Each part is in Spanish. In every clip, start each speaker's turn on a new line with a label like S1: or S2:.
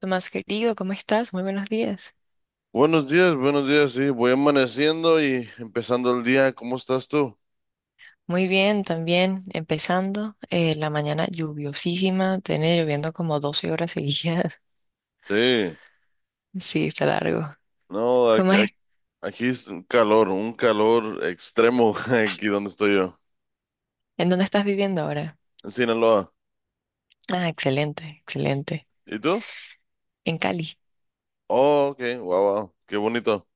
S1: Tomás querido, ¿cómo estás? Muy buenos días.
S2: Buenos días, sí, voy amaneciendo y empezando el día, ¿cómo estás tú?
S1: Muy bien, también empezando la mañana lluviosísima, tiene lloviendo como 12 horas seguidas.
S2: Sí,
S1: Sí, está largo.
S2: no,
S1: ¿Cómo
S2: aquí,
S1: es?
S2: aquí- aquí es un calor extremo aquí donde estoy yo,
S1: ¿En dónde estás viviendo ahora?
S2: en Sinaloa.
S1: Ah, excelente, excelente.
S2: ¿Y tú?
S1: En Cali.
S2: Oh, ok, wow, wow, qué bonito.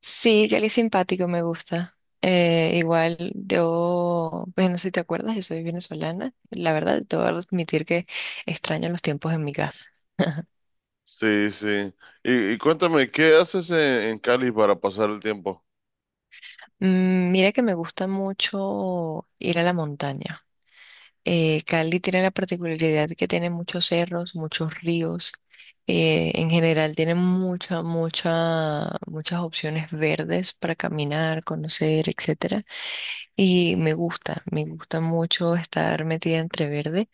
S1: Sí, Cali es simpático, me gusta. Igual yo, pues no sé si te acuerdas, yo soy venezolana. La verdad, te voy a admitir que extraño los tiempos en mi casa.
S2: Sí, sí. Y cuéntame, ¿qué haces en Cali para pasar el tiempo?
S1: Mm, mira que me gusta mucho ir a la montaña. Cali tiene la particularidad que tiene muchos cerros, muchos ríos. En general tiene muchas opciones verdes para caminar, conocer, etcétera. Y me gusta mucho estar metida entre verde.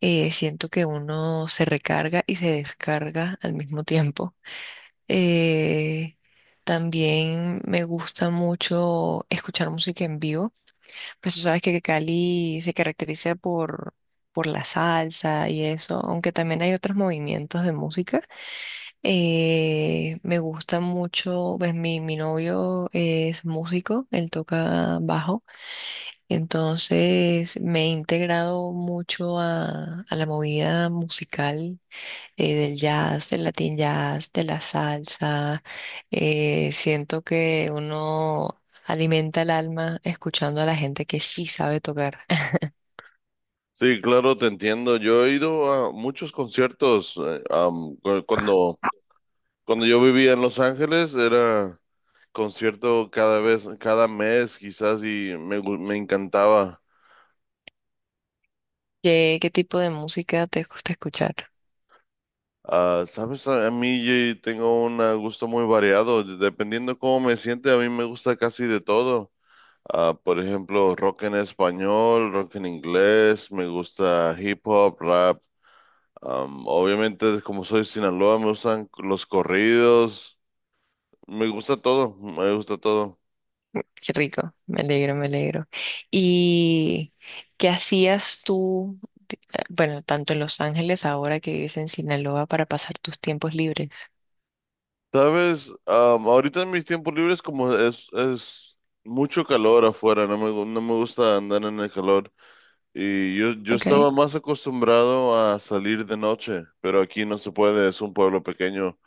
S1: Siento que uno se recarga y se descarga al mismo tiempo. Eh, También me gusta mucho escuchar música en vivo. Pues tú sabes que Cali se caracteriza por la salsa y eso, aunque también hay otros movimientos de música. Me gusta mucho, pues mi novio es músico, él toca bajo, entonces me he integrado mucho a la movida musical del jazz, del latin jazz, de la salsa. Siento que uno alimenta el alma escuchando a la gente que sí sabe tocar.
S2: Sí, claro, te entiendo. Yo he ido a muchos conciertos. Cuando yo vivía en Los Ángeles, era concierto cada vez, cada mes quizás, y me encantaba.
S1: ¿Qué tipo de música te gusta escuchar?
S2: Ah, sabes, a mí tengo un gusto muy variado, dependiendo cómo me siente, a mí me gusta casi de todo. Ah, por ejemplo, rock en español, rock en inglés, me gusta hip hop, rap. Obviamente, como soy de Sinaloa, me gustan los corridos, me gusta todo, me gusta todo.
S1: Qué rico, me alegro. ¿Y qué hacías tú, bueno, tanto en Los Ángeles ahora que vives en Sinaloa para pasar tus tiempos libres?
S2: Sabes, ahorita en mis tiempos libres, como es mucho calor afuera, no me gusta andar en el calor. Y yo
S1: Ok,
S2: estaba más acostumbrado a salir de noche, pero aquí no se puede, es un pueblo pequeño.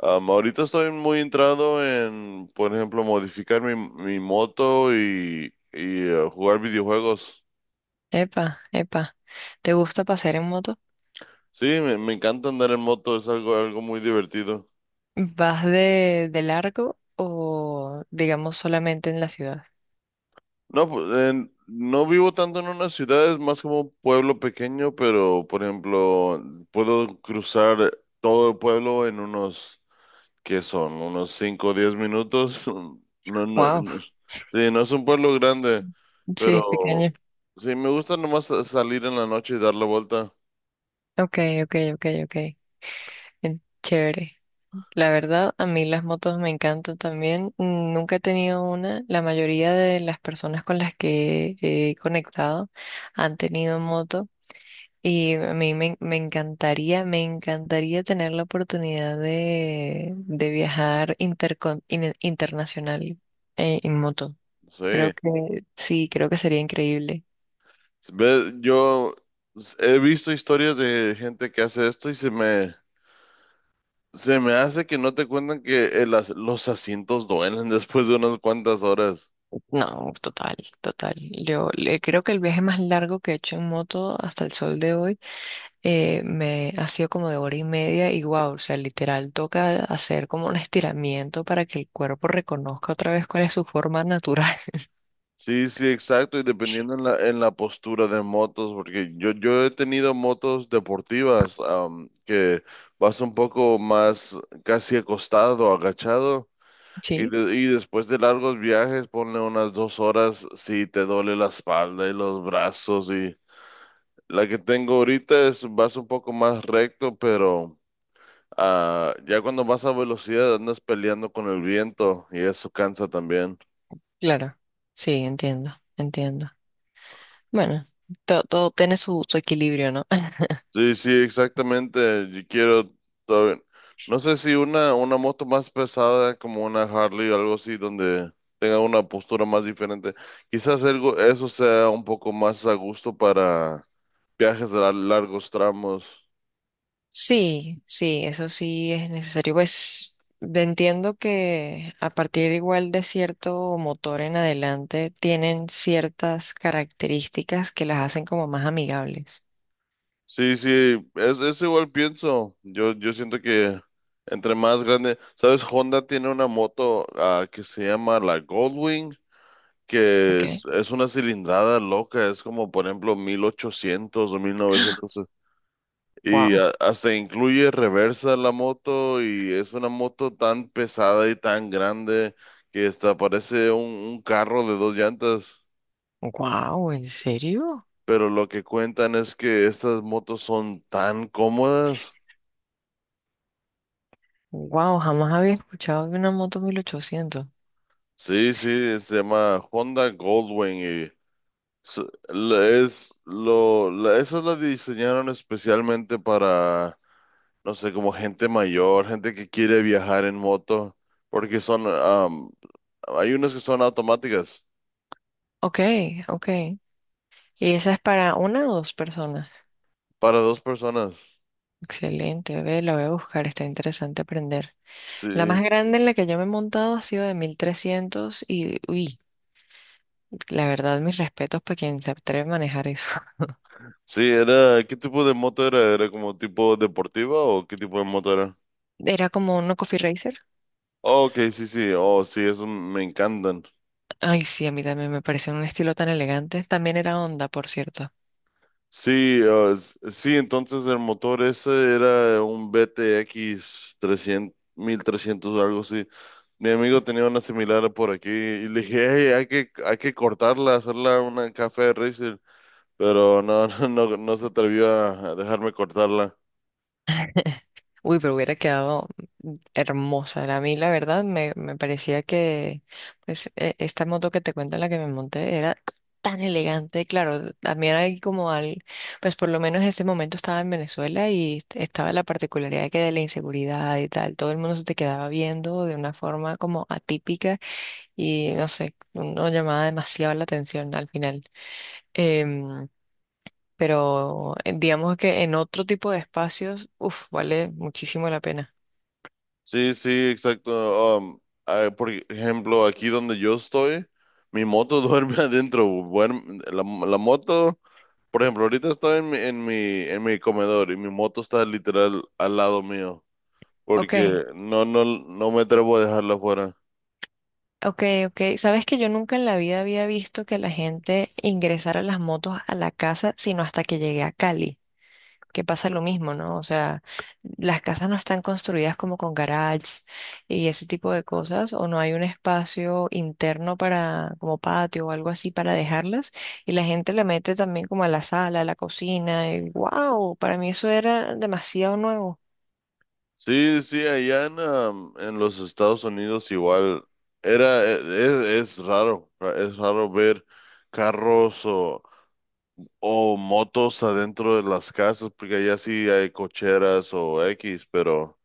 S2: Ahorita estoy muy entrado en, por ejemplo, modificar mi moto y jugar videojuegos.
S1: epa, epa. ¿Te gusta pasear en moto?
S2: Sí, me encanta andar en moto, es algo, algo muy divertido.
S1: ¿Vas de largo o digamos solamente en la ciudad?
S2: No, pues no vivo tanto en una ciudad, es más como un pueblo pequeño, pero por ejemplo, puedo cruzar todo el pueblo en unos, ¿qué son? Unos 5 o 10 minutos. No, no,
S1: Wow,
S2: no. Sí, no es un pueblo grande,
S1: sí, es
S2: pero
S1: pequeño.
S2: sí, me gusta nomás salir en la noche y dar la vuelta.
S1: Ok, ok. En- Chévere. La verdad, a mí las motos me encantan también. Mm, nunca he tenido una. La mayoría de las personas con las que he conectado han tenido moto y a mí me encantaría tener la oportunidad de viajar intercon- in- internacional en moto.
S2: Sí,
S1: Creo que sí, creo que sería increíble.
S2: yo he visto historias de gente que hace esto, y se me hace que no te cuentan que los asientos duelen después de unas cuantas horas.
S1: No, total, total. Yo le- creo que el viaje más largo que he hecho en moto hasta el sol de hoy me ha sido como de hora y media y wow, o sea, literal toca hacer como un estiramiento para que el cuerpo reconozca otra vez cuál es su forma natural.
S2: Sí, sí, exacto, y dependiendo en la postura de motos, porque yo he tenido motos deportivas que vas un poco más casi acostado, agachado, y,
S1: Sí,
S2: de- y después de largos viajes, ponle unas 2 horas, sí, te duele la espalda y los brazos, y la que tengo ahorita es, vas un poco más recto, pero. Ah, ya cuando vas a velocidad andas peleando con el viento y eso cansa también.
S1: claro. Sí, entiendo, entiendo. Bueno, to- todo tiene su, su equilibrio, ¿no?
S2: Sí, sí, exactamente. Yo quiero todavía. No sé si una moto más pesada como una Harley o algo así donde tenga una postura más diferente. Quizás algo, eso sea un poco más a gusto para viajes a largos tramos.
S1: Sí, sí, eso sí es necesario. Pues entiendo que a partir igual de cierto motor en adelante tienen ciertas características que las hacen como más amigables.
S2: Sí, sí, es igual pienso. Yo siento que entre más grande, ¿sabes? Honda tiene una moto que se llama la Goldwing. Que
S1: Ok.
S2: es una cilindrada loca, es como por ejemplo 1800 o 1900, y
S1: Wow.
S2: hasta incluye reversa la moto, y es una moto tan pesada y tan grande que hasta parece un carro de dos llantas.
S1: Wow, ¿en serio?
S2: Pero lo que cuentan es que estas motos son tan cómodas.
S1: Wow, jamás había escuchado de una moto 1800.
S2: Sí, sí, se llama Honda Goldwing, y s- esa la diseñaron especialmente para, no sé, como gente mayor, gente que quiere viajar en moto, porque son, hay unas que son automáticas,
S1: Ok, ok. Y esa es para una o dos personas.
S2: para dos personas.
S1: Excelente, ve, la voy a buscar, está interesante aprender. La más
S2: Sí,
S1: grande en la que yo me he montado ha sido de 1300 y, uy, la verdad, mis respetos para quien se atreve a manejar eso.
S2: sí, era, ¿qué tipo de moto era? ¿Era como tipo deportiva o qué tipo de moto era?
S1: Era como una Coffee Racer.
S2: Oh, ok, sí, sí, oh, sí, eso me encantan.
S1: Ay, sí, a mí también me pareció un estilo tan elegante. También era Honda, por cierto.
S2: Sí, sí, entonces el motor ese era un BTX 300, 1300 o algo así. Mi amigo tenía una similar por aquí y le dije, hey, hay que cortarla, hacerla una café racer, pero no, no, no, no se atrevió a dejarme cortarla.
S1: Uy, pero hubiera quedado hermosa. A mí, la verdad, me parecía que pues, e- esta moto que te cuento en la que me monté era tan elegante. Claro, también hay como al, pues por lo menos en ese momento estaba en Venezuela y est- estaba la particularidad que de la inseguridad y tal. Todo el mundo se te quedaba viendo de una forma como atípica y no sé, no llamaba demasiado la atención al final. Em, pero digamos que en otro tipo de espacios, uff, vale muchísimo la pena.
S2: Sí, sí, exacto. Por ejemplo, aquí donde yo estoy, mi moto duerme adentro. Duerme- la moto Por ejemplo, ahorita estoy en mi, comedor, y mi moto está literal al lado mío,
S1: Ok,
S2: porque no, no, no me atrevo a dejarla afuera.
S1: ok. Sabes que yo nunca en la vida había visto que la gente ingresara las motos a la casa, sino hasta que llegué a Cali, que pasa lo mismo, ¿no? O sea, las casas no están construidas como con garages y ese tipo de cosas, o no hay un espacio interno para, como patio o algo así para dejarlas, y la gente le mete también como a la sala, a la cocina, y wow, para mí eso era demasiado nuevo.
S2: Sí, sí, allá en los Estados Unidos, igual es raro, es raro ver carros o motos adentro de las casas, porque allá sí hay cocheras o X, pero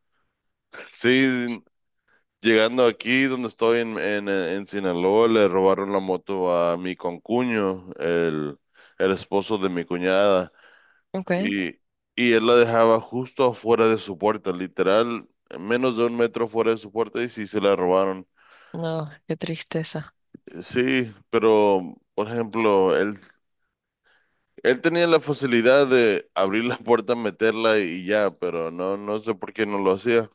S2: sí. Llegando aquí donde estoy en Sinaloa, le robaron la moto a mi concuño, el esposo de mi cuñada,
S1: Ok,
S2: y, y él la dejaba justo afuera de su puerta, literal, menos de un metro fuera de su puerta, y sí se la robaron.
S1: no, qué tristeza.
S2: Sí, pero, por ejemplo, él tenía la facilidad de abrir la puerta, meterla y ya, pero no, no sé por qué no lo hacía.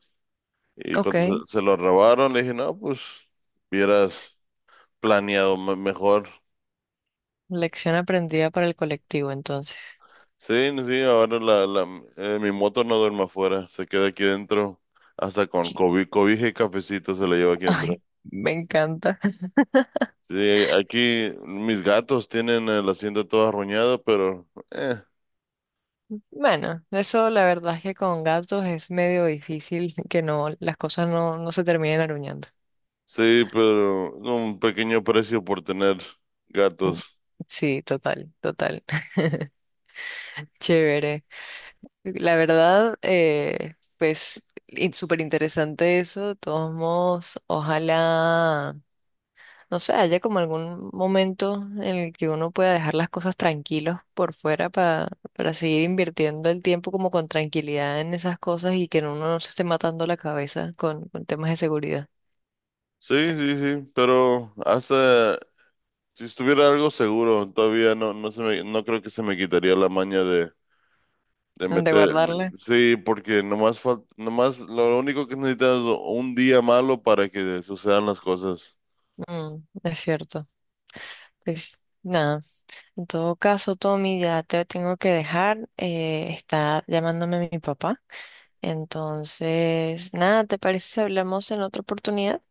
S2: Y cuando
S1: Ok.
S2: se lo robaron, le dije, no, pues, hubieras planeado mejor.
S1: Lección aprendida para el colectivo, entonces.
S2: Sí, no, sí, ahora mi moto no duerme afuera, se queda aquí dentro, hasta con cobija y cafecito se la lleva aquí dentro.
S1: Ay, me encanta.
S2: Sí, aquí mis gatos tienen el asiento todo arruñado, pero
S1: Bueno, eso la verdad es que con gatos es medio difícil que las cosas no, no se terminen aruñando.
S2: sí, pero un pequeño precio por tener
S1: Mm,
S2: gatos.
S1: sí, total, total. Chévere. La verdad, pues, in- súper interesante eso. De todos modos, ojalá. No sé, haya como algún momento en el que uno pueda dejar las cosas tranquilos por fuera para seguir invirtiendo el tiempo como con tranquilidad en esas cosas y que uno no se esté matando la cabeza con temas de seguridad.
S2: Sí, sí, sí, pero hasta si estuviera algo seguro, todavía no, no creo que se me quitaría la maña de,
S1: De
S2: meter.
S1: guardarle.
S2: Sí, porque nomás, nomás lo único que necesitas es un día malo para que sucedan las cosas.
S1: Mm, es cierto. Pues nada. En todo caso, Tommy, ya te tengo que dejar. Está llamándome mi papá. Entonces, nada, ¿te parece si hablamos en otra oportunidad?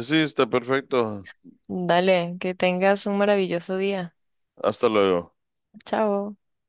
S2: Sí, está perfecto.
S1: Dale, que tengas un maravilloso día.
S2: Hasta luego.
S1: Chao.